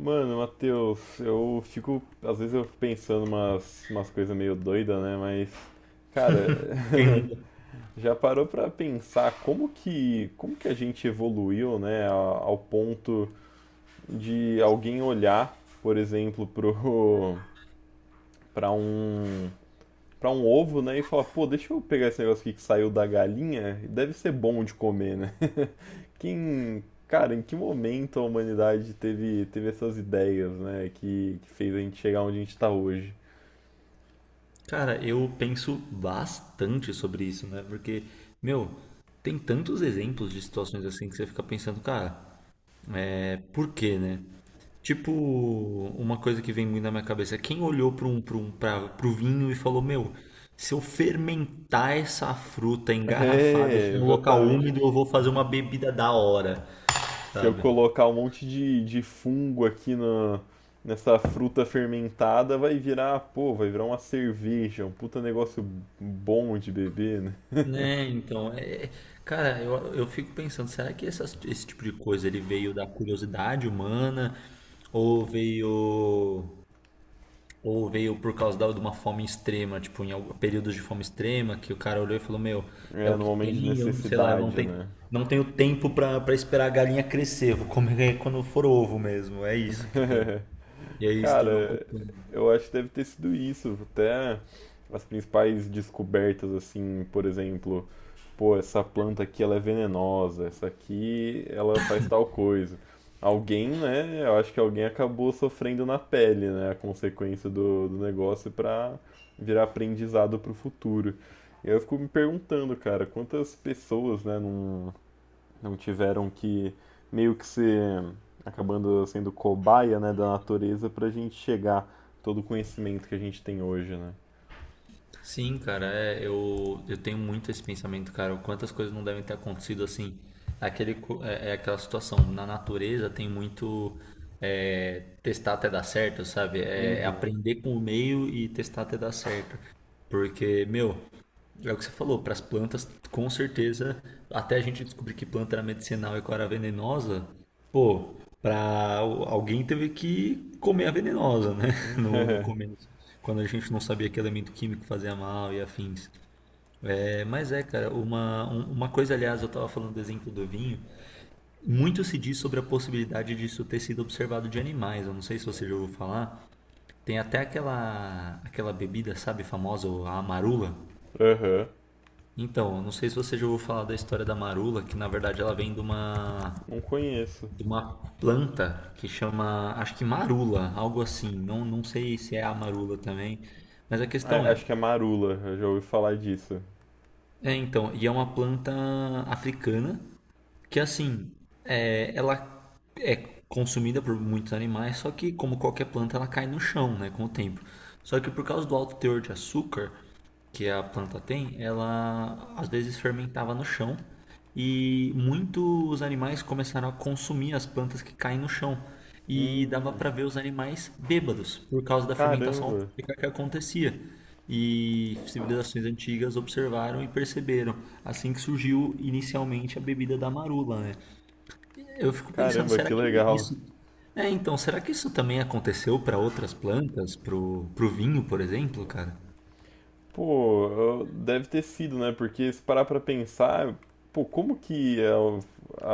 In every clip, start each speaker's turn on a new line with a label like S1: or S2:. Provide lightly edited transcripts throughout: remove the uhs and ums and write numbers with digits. S1: Mano, Matheus, eu fico, às vezes eu fico pensando umas coisas meio doidas, né? Mas, cara,
S2: Quem nunca?
S1: já parou pra pensar como que a gente evoluiu, né? Ao ponto de alguém olhar, por exemplo, pra um, pra um ovo, né? E fala, pô, deixa eu pegar esse negócio aqui que saiu da galinha, deve ser bom de comer, né? Quem, cara, em que momento a humanidade teve, teve essas ideias, né? Que fez a gente chegar onde a gente tá hoje.
S2: Cara, eu penso bastante sobre isso, né? Porque, meu, tem tantos exemplos de situações assim que você fica pensando, cara, é por quê, né? Tipo, uma coisa que vem muito na minha cabeça, é quem olhou para pro vinho e falou, meu, se eu fermentar essa fruta engarrafada e
S1: É,
S2: deixar em um local
S1: exatamente.
S2: úmido, eu vou fazer uma bebida da hora,
S1: Se eu
S2: sabe?
S1: colocar um monte de fungo aqui na nessa fruta fermentada, vai virar, pô, vai virar uma cerveja, um puta negócio bom de beber, né?
S2: Né, então, cara, eu fico pensando, será que esse tipo de coisa ele veio da curiosidade humana ou veio ou veio por causa de uma fome extrema, tipo, em algum, períodos de fome extrema, que o cara olhou e falou, meu, é
S1: É,
S2: o
S1: no
S2: que
S1: momento de
S2: tem, eu não sei lá, eu não
S1: necessidade,
S2: tenho,
S1: né?
S2: não tenho tempo pra esperar a galinha crescer, vou comer é quando for ovo mesmo, é isso que tem. E aí se tornou um
S1: Cara,
S2: costume.
S1: eu acho que deve ter sido isso. Até as principais descobertas, assim, por exemplo, pô, essa planta aqui ela é venenosa, essa aqui ela faz tal coisa. Alguém, né? Eu acho que alguém acabou sofrendo na pele, né? A consequência do, do negócio pra virar aprendizado pro futuro. E eu fico me perguntando, cara, quantas pessoas, né, não tiveram que meio que ser acabando sendo cobaia, né, da natureza pra gente chegar todo o conhecimento que a gente tem hoje, né?
S2: Sim, cara, é, eu tenho muito esse pensamento, cara. Quantas coisas não devem ter acontecido assim. É aquela situação. Na natureza tem muito é, testar até dar certo, sabe? É, é
S1: Uhum.
S2: aprender com o meio e testar até dar certo. Porque, meu, é o que você falou, para as plantas, com certeza, até a gente descobrir que planta era medicinal e qual era a venenosa, pô, para alguém teve que comer a venenosa, né? No começo, quando a gente não sabia que elemento químico fazia mal e afins. É, mas é, cara, uma coisa, aliás, eu tava falando do exemplo do vinho, muito se diz sobre a possibilidade disso ter sido observado de animais, eu não sei se você já ouviu falar, tem até aquela bebida, sabe, famosa, a amarula.
S1: Aham.
S2: Então, eu não sei se você já ouviu falar da história da marula, que na verdade ela vem
S1: Não conheço.
S2: de uma planta que chama, acho que marula, algo assim. Não, não sei se é a marula também, mas a questão
S1: É,
S2: é,
S1: acho que é marula, eu já ouvi falar disso.
S2: é então, e é uma planta africana que assim, é, ela é consumida por muitos animais, só que como qualquer planta ela cai no chão, né, com o tempo. Só que por causa do alto teor de açúcar, que a planta tem, ela às vezes fermentava no chão e muitos animais começaram a consumir as plantas que caem no chão. E dava para ver os animais bêbados por causa da fermentação
S1: Caramba,
S2: alcoólica que acontecia. E civilizações antigas observaram e perceberam, assim que surgiu inicialmente a bebida da marula, né? Eu fico pensando,
S1: caramba,
S2: será
S1: que
S2: que
S1: legal.
S2: isso é, então, será que isso também aconteceu para outras plantas, pro, pro vinho, por exemplo, cara?
S1: Pô, deve ter sido, né? Porque se parar pra pensar, pô, como que a-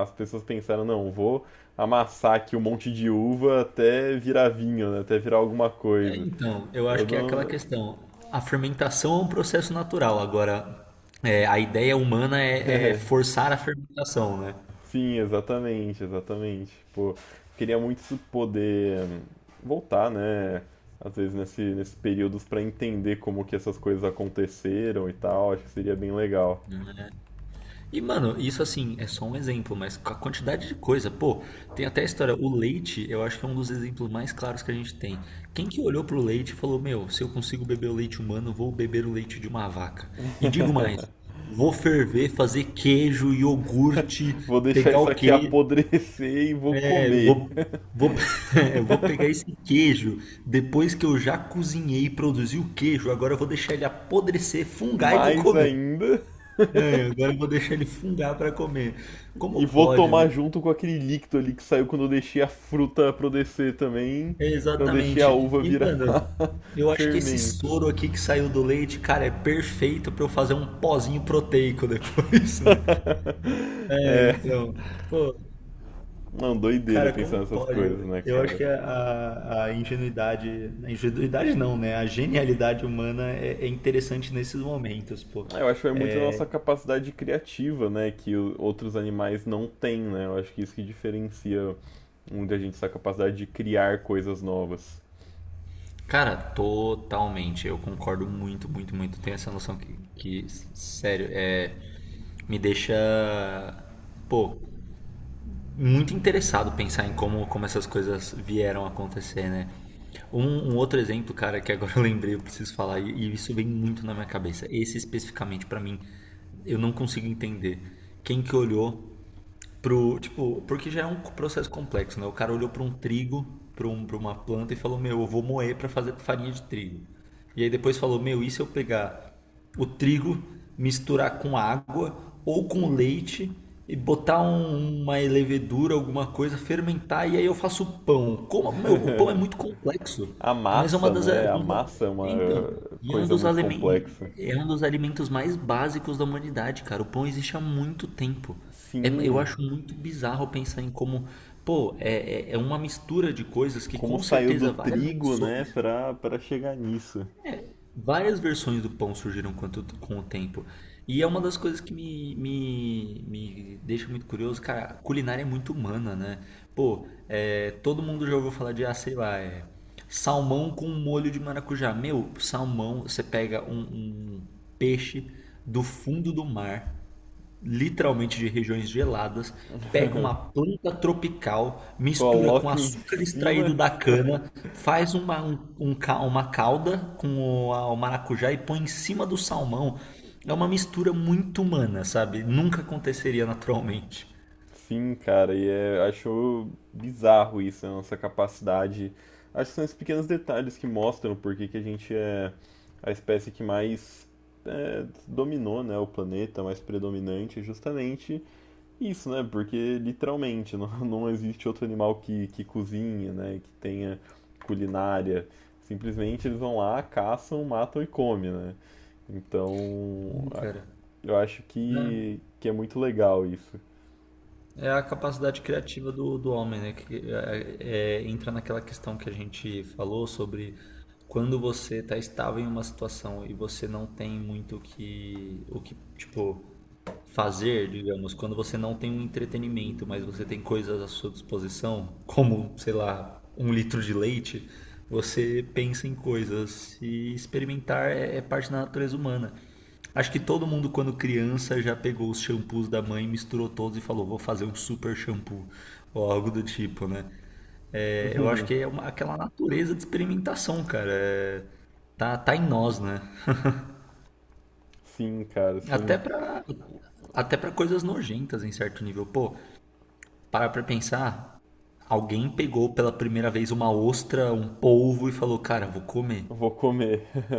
S1: a- as pessoas pensaram, não, vou amassar aqui um monte de uva até virar vinho, né? Até virar alguma
S2: É,
S1: coisa.
S2: então, eu acho
S1: Eu
S2: que é aquela
S1: não.
S2: questão. A fermentação é um processo natural. Agora, é, a ideia humana é, é
S1: É,
S2: forçar a fermentação, né?
S1: sim, exatamente, exatamente. Pô, queria muito poder voltar, né? Às vezes nesses períodos para entender como que essas coisas aconteceram e tal, acho que seria bem legal.
S2: É. E, mano, isso assim é só um exemplo, mas com a quantidade de coisa, pô, tem até a história. O leite, eu acho que é um dos exemplos mais claros que a gente tem. Quem que olhou pro leite e falou: Meu, se eu consigo beber o leite humano, vou beber o leite de uma vaca. E digo mais: vou ferver, fazer queijo, iogurte,
S1: Vou deixar
S2: pegar
S1: isso
S2: o
S1: aqui
S2: queijo.
S1: apodrecer e vou
S2: É,
S1: comer
S2: vou, eu vou pegar esse queijo depois que eu já cozinhei e produzi o queijo. Agora eu vou deixar ele apodrecer, fungar e vou
S1: mais
S2: comer.
S1: ainda
S2: É, agora eu vou deixar ele fungar para comer.
S1: e
S2: Como
S1: vou
S2: pode,
S1: tomar
S2: né?
S1: junto com aquele líquido ali que saiu quando eu deixei a fruta apodrecer também,
S2: É,
S1: quando eu deixei a
S2: exatamente.
S1: uva
S2: E,
S1: virar
S2: mano, eu acho que esse
S1: fermento.
S2: soro aqui que saiu do leite, cara, é perfeito para eu fazer um pozinho proteico depois, né? É,
S1: É.
S2: então. Pô,
S1: Não, doideira
S2: cara,
S1: pensar
S2: como
S1: nessas
S2: pode?
S1: coisas,
S2: Eu,
S1: né,
S2: eu acho
S1: cara?
S2: que a ingenuidade não, né? A genialidade humana é, é interessante nesses momentos, pô.
S1: Eu acho que é muito da
S2: É,
S1: nossa capacidade criativa, né, que outros animais não têm, né? Eu acho que isso que diferencia muita gente, essa capacidade de criar coisas novas.
S2: cara, totalmente. Eu concordo muito, muito, muito. Tem essa noção sério, é, me deixa. Pô, muito interessado pensar em como, como essas coisas vieram a acontecer, né? Um, um outro exemplo, cara, que agora eu lembrei, eu preciso falar, e isso vem muito na minha cabeça. Esse especificamente, pra mim, eu não consigo entender. Quem que olhou tipo, porque já é um processo complexo, né? O cara olhou pra um trigo, pra uma planta e falou, meu, eu vou moer pra fazer farinha de trigo. E aí depois falou, meu, e se eu pegar o trigo, misturar com água ou com leite e botar uma levedura, alguma coisa, fermentar e aí eu faço pão. Como, meu, o pão é muito complexo,
S1: A
S2: mas é uma
S1: massa,
S2: das
S1: né? A massa é uma
S2: então, e é um
S1: coisa
S2: dos
S1: muito
S2: alimentos,
S1: complexa.
S2: é um dos alimentos mais básicos da humanidade, cara. O pão existe há muito tempo. Eu
S1: Sim,
S2: acho muito bizarro pensar em como, pô, é uma mistura de coisas que
S1: como
S2: com
S1: saiu do
S2: certeza várias
S1: trigo, né,
S2: versões
S1: pra, pra chegar nisso.
S2: várias versões do pão surgiram com o tempo. E é uma das coisas que me deixa muito curioso, cara, a culinária é muito humana, né? Pô, é, todo mundo já ouviu falar de, ah, sei lá, é, salmão com molho de maracujá. Meu, salmão, você pega um peixe do fundo do mar, literalmente de regiões geladas, pega uma planta tropical, mistura com
S1: Coloca em
S2: açúcar
S1: cima.
S2: extraído da cana, faz uma, um ca- uma calda com o maracujá e põe em cima do salmão. É uma mistura muito humana, sabe? Nunca aconteceria naturalmente.
S1: Sim, cara, e é, acho bizarro isso, a nossa capacidade. Acho que são esses pequenos detalhes que mostram por que que a gente é a espécie que mais é, dominou, né, o planeta, mais predominante, é justamente isso, né? Porque literalmente não existe outro animal que cozinha, né, que tenha culinária. Simplesmente eles vão lá, caçam, matam e comem, né? Então,
S2: Cara.
S1: eu acho
S2: Né?
S1: que é muito legal isso.
S2: É a capacidade criativa do, do homem, né? Que é, entra naquela questão que a gente falou sobre quando você está estável em uma situação e você não tem muito o que, tipo, fazer, digamos, quando você não tem um entretenimento, mas você tem coisas à sua disposição, como, sei lá, um litro de leite, você pensa em coisas. E experimentar é, é parte da natureza humana. Acho que todo mundo, quando criança, já pegou os shampoos da mãe, misturou todos e falou: vou fazer um super shampoo, ou algo do tipo, né? É, eu acho que é uma- aquela natureza de experimentação, cara. É, tá em nós, né?
S1: Sim, cara, sim.
S2: Até pra, até pra coisas nojentas, em certo nível. Pô, para pra pensar, alguém pegou pela primeira vez uma ostra, um polvo e falou: cara, vou comer.
S1: Vou comer.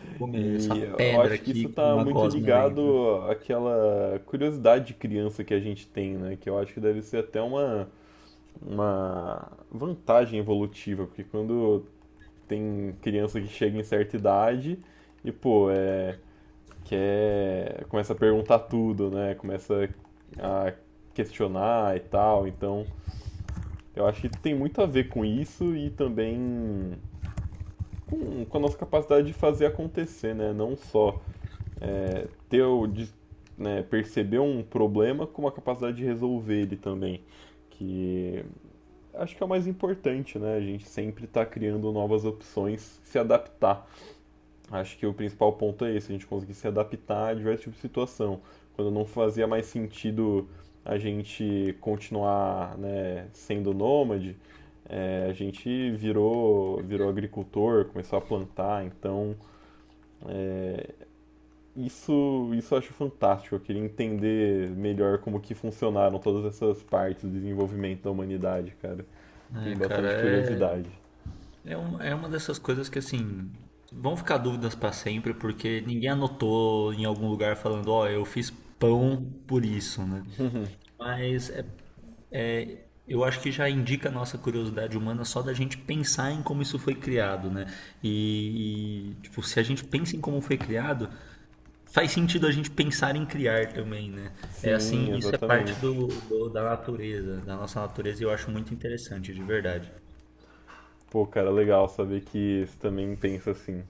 S2: Vou comer essa
S1: E eu
S2: pedra
S1: acho que isso
S2: aqui com
S1: tá
S2: uma
S1: muito
S2: gosma dentro.
S1: ligado àquela curiosidade de criança que a gente tem, né? Que eu acho que deve ser até uma vantagem evolutiva, porque quando tem criança que chega em certa idade e, pô, é, quer, começa a perguntar tudo, né? Começa a questionar e tal. Então, eu acho que tem muito a ver com isso e também com a nossa capacidade de fazer acontecer, né? Não só teu, de, né, perceber um problema com uma capacidade de resolver ele também. Que acho que é o mais importante, né? A gente sempre está criando novas opções, se adaptar. Acho que o principal ponto é esse, a gente conseguir se adaptar a diversos tipos de situação. Quando não fazia mais sentido a gente continuar, né, sendo nômade, é, a gente virou, virou agricultor, começou a plantar, então isso eu acho fantástico. Eu queria entender melhor como que funcionaram todas essas partes do desenvolvimento da humanidade, cara.
S2: É,
S1: Tenho
S2: cara,
S1: bastante
S2: é.
S1: curiosidade.
S2: É, um, é uma dessas coisas que, assim, vão ficar dúvidas pra sempre, porque ninguém anotou em algum lugar falando, ó, eu fiz pão por isso, né? Mas é- eu acho que já indica a nossa curiosidade humana só da gente pensar em como isso foi criado, né? E, tipo, se a gente pensa em como foi criado, faz sentido a gente pensar em criar também, né? É
S1: Sim,
S2: assim, isso é
S1: exatamente.
S2: parte do, da natureza, da nossa natureza, e eu acho muito interessante, de verdade.
S1: Pô, cara, legal saber que você também pensa assim.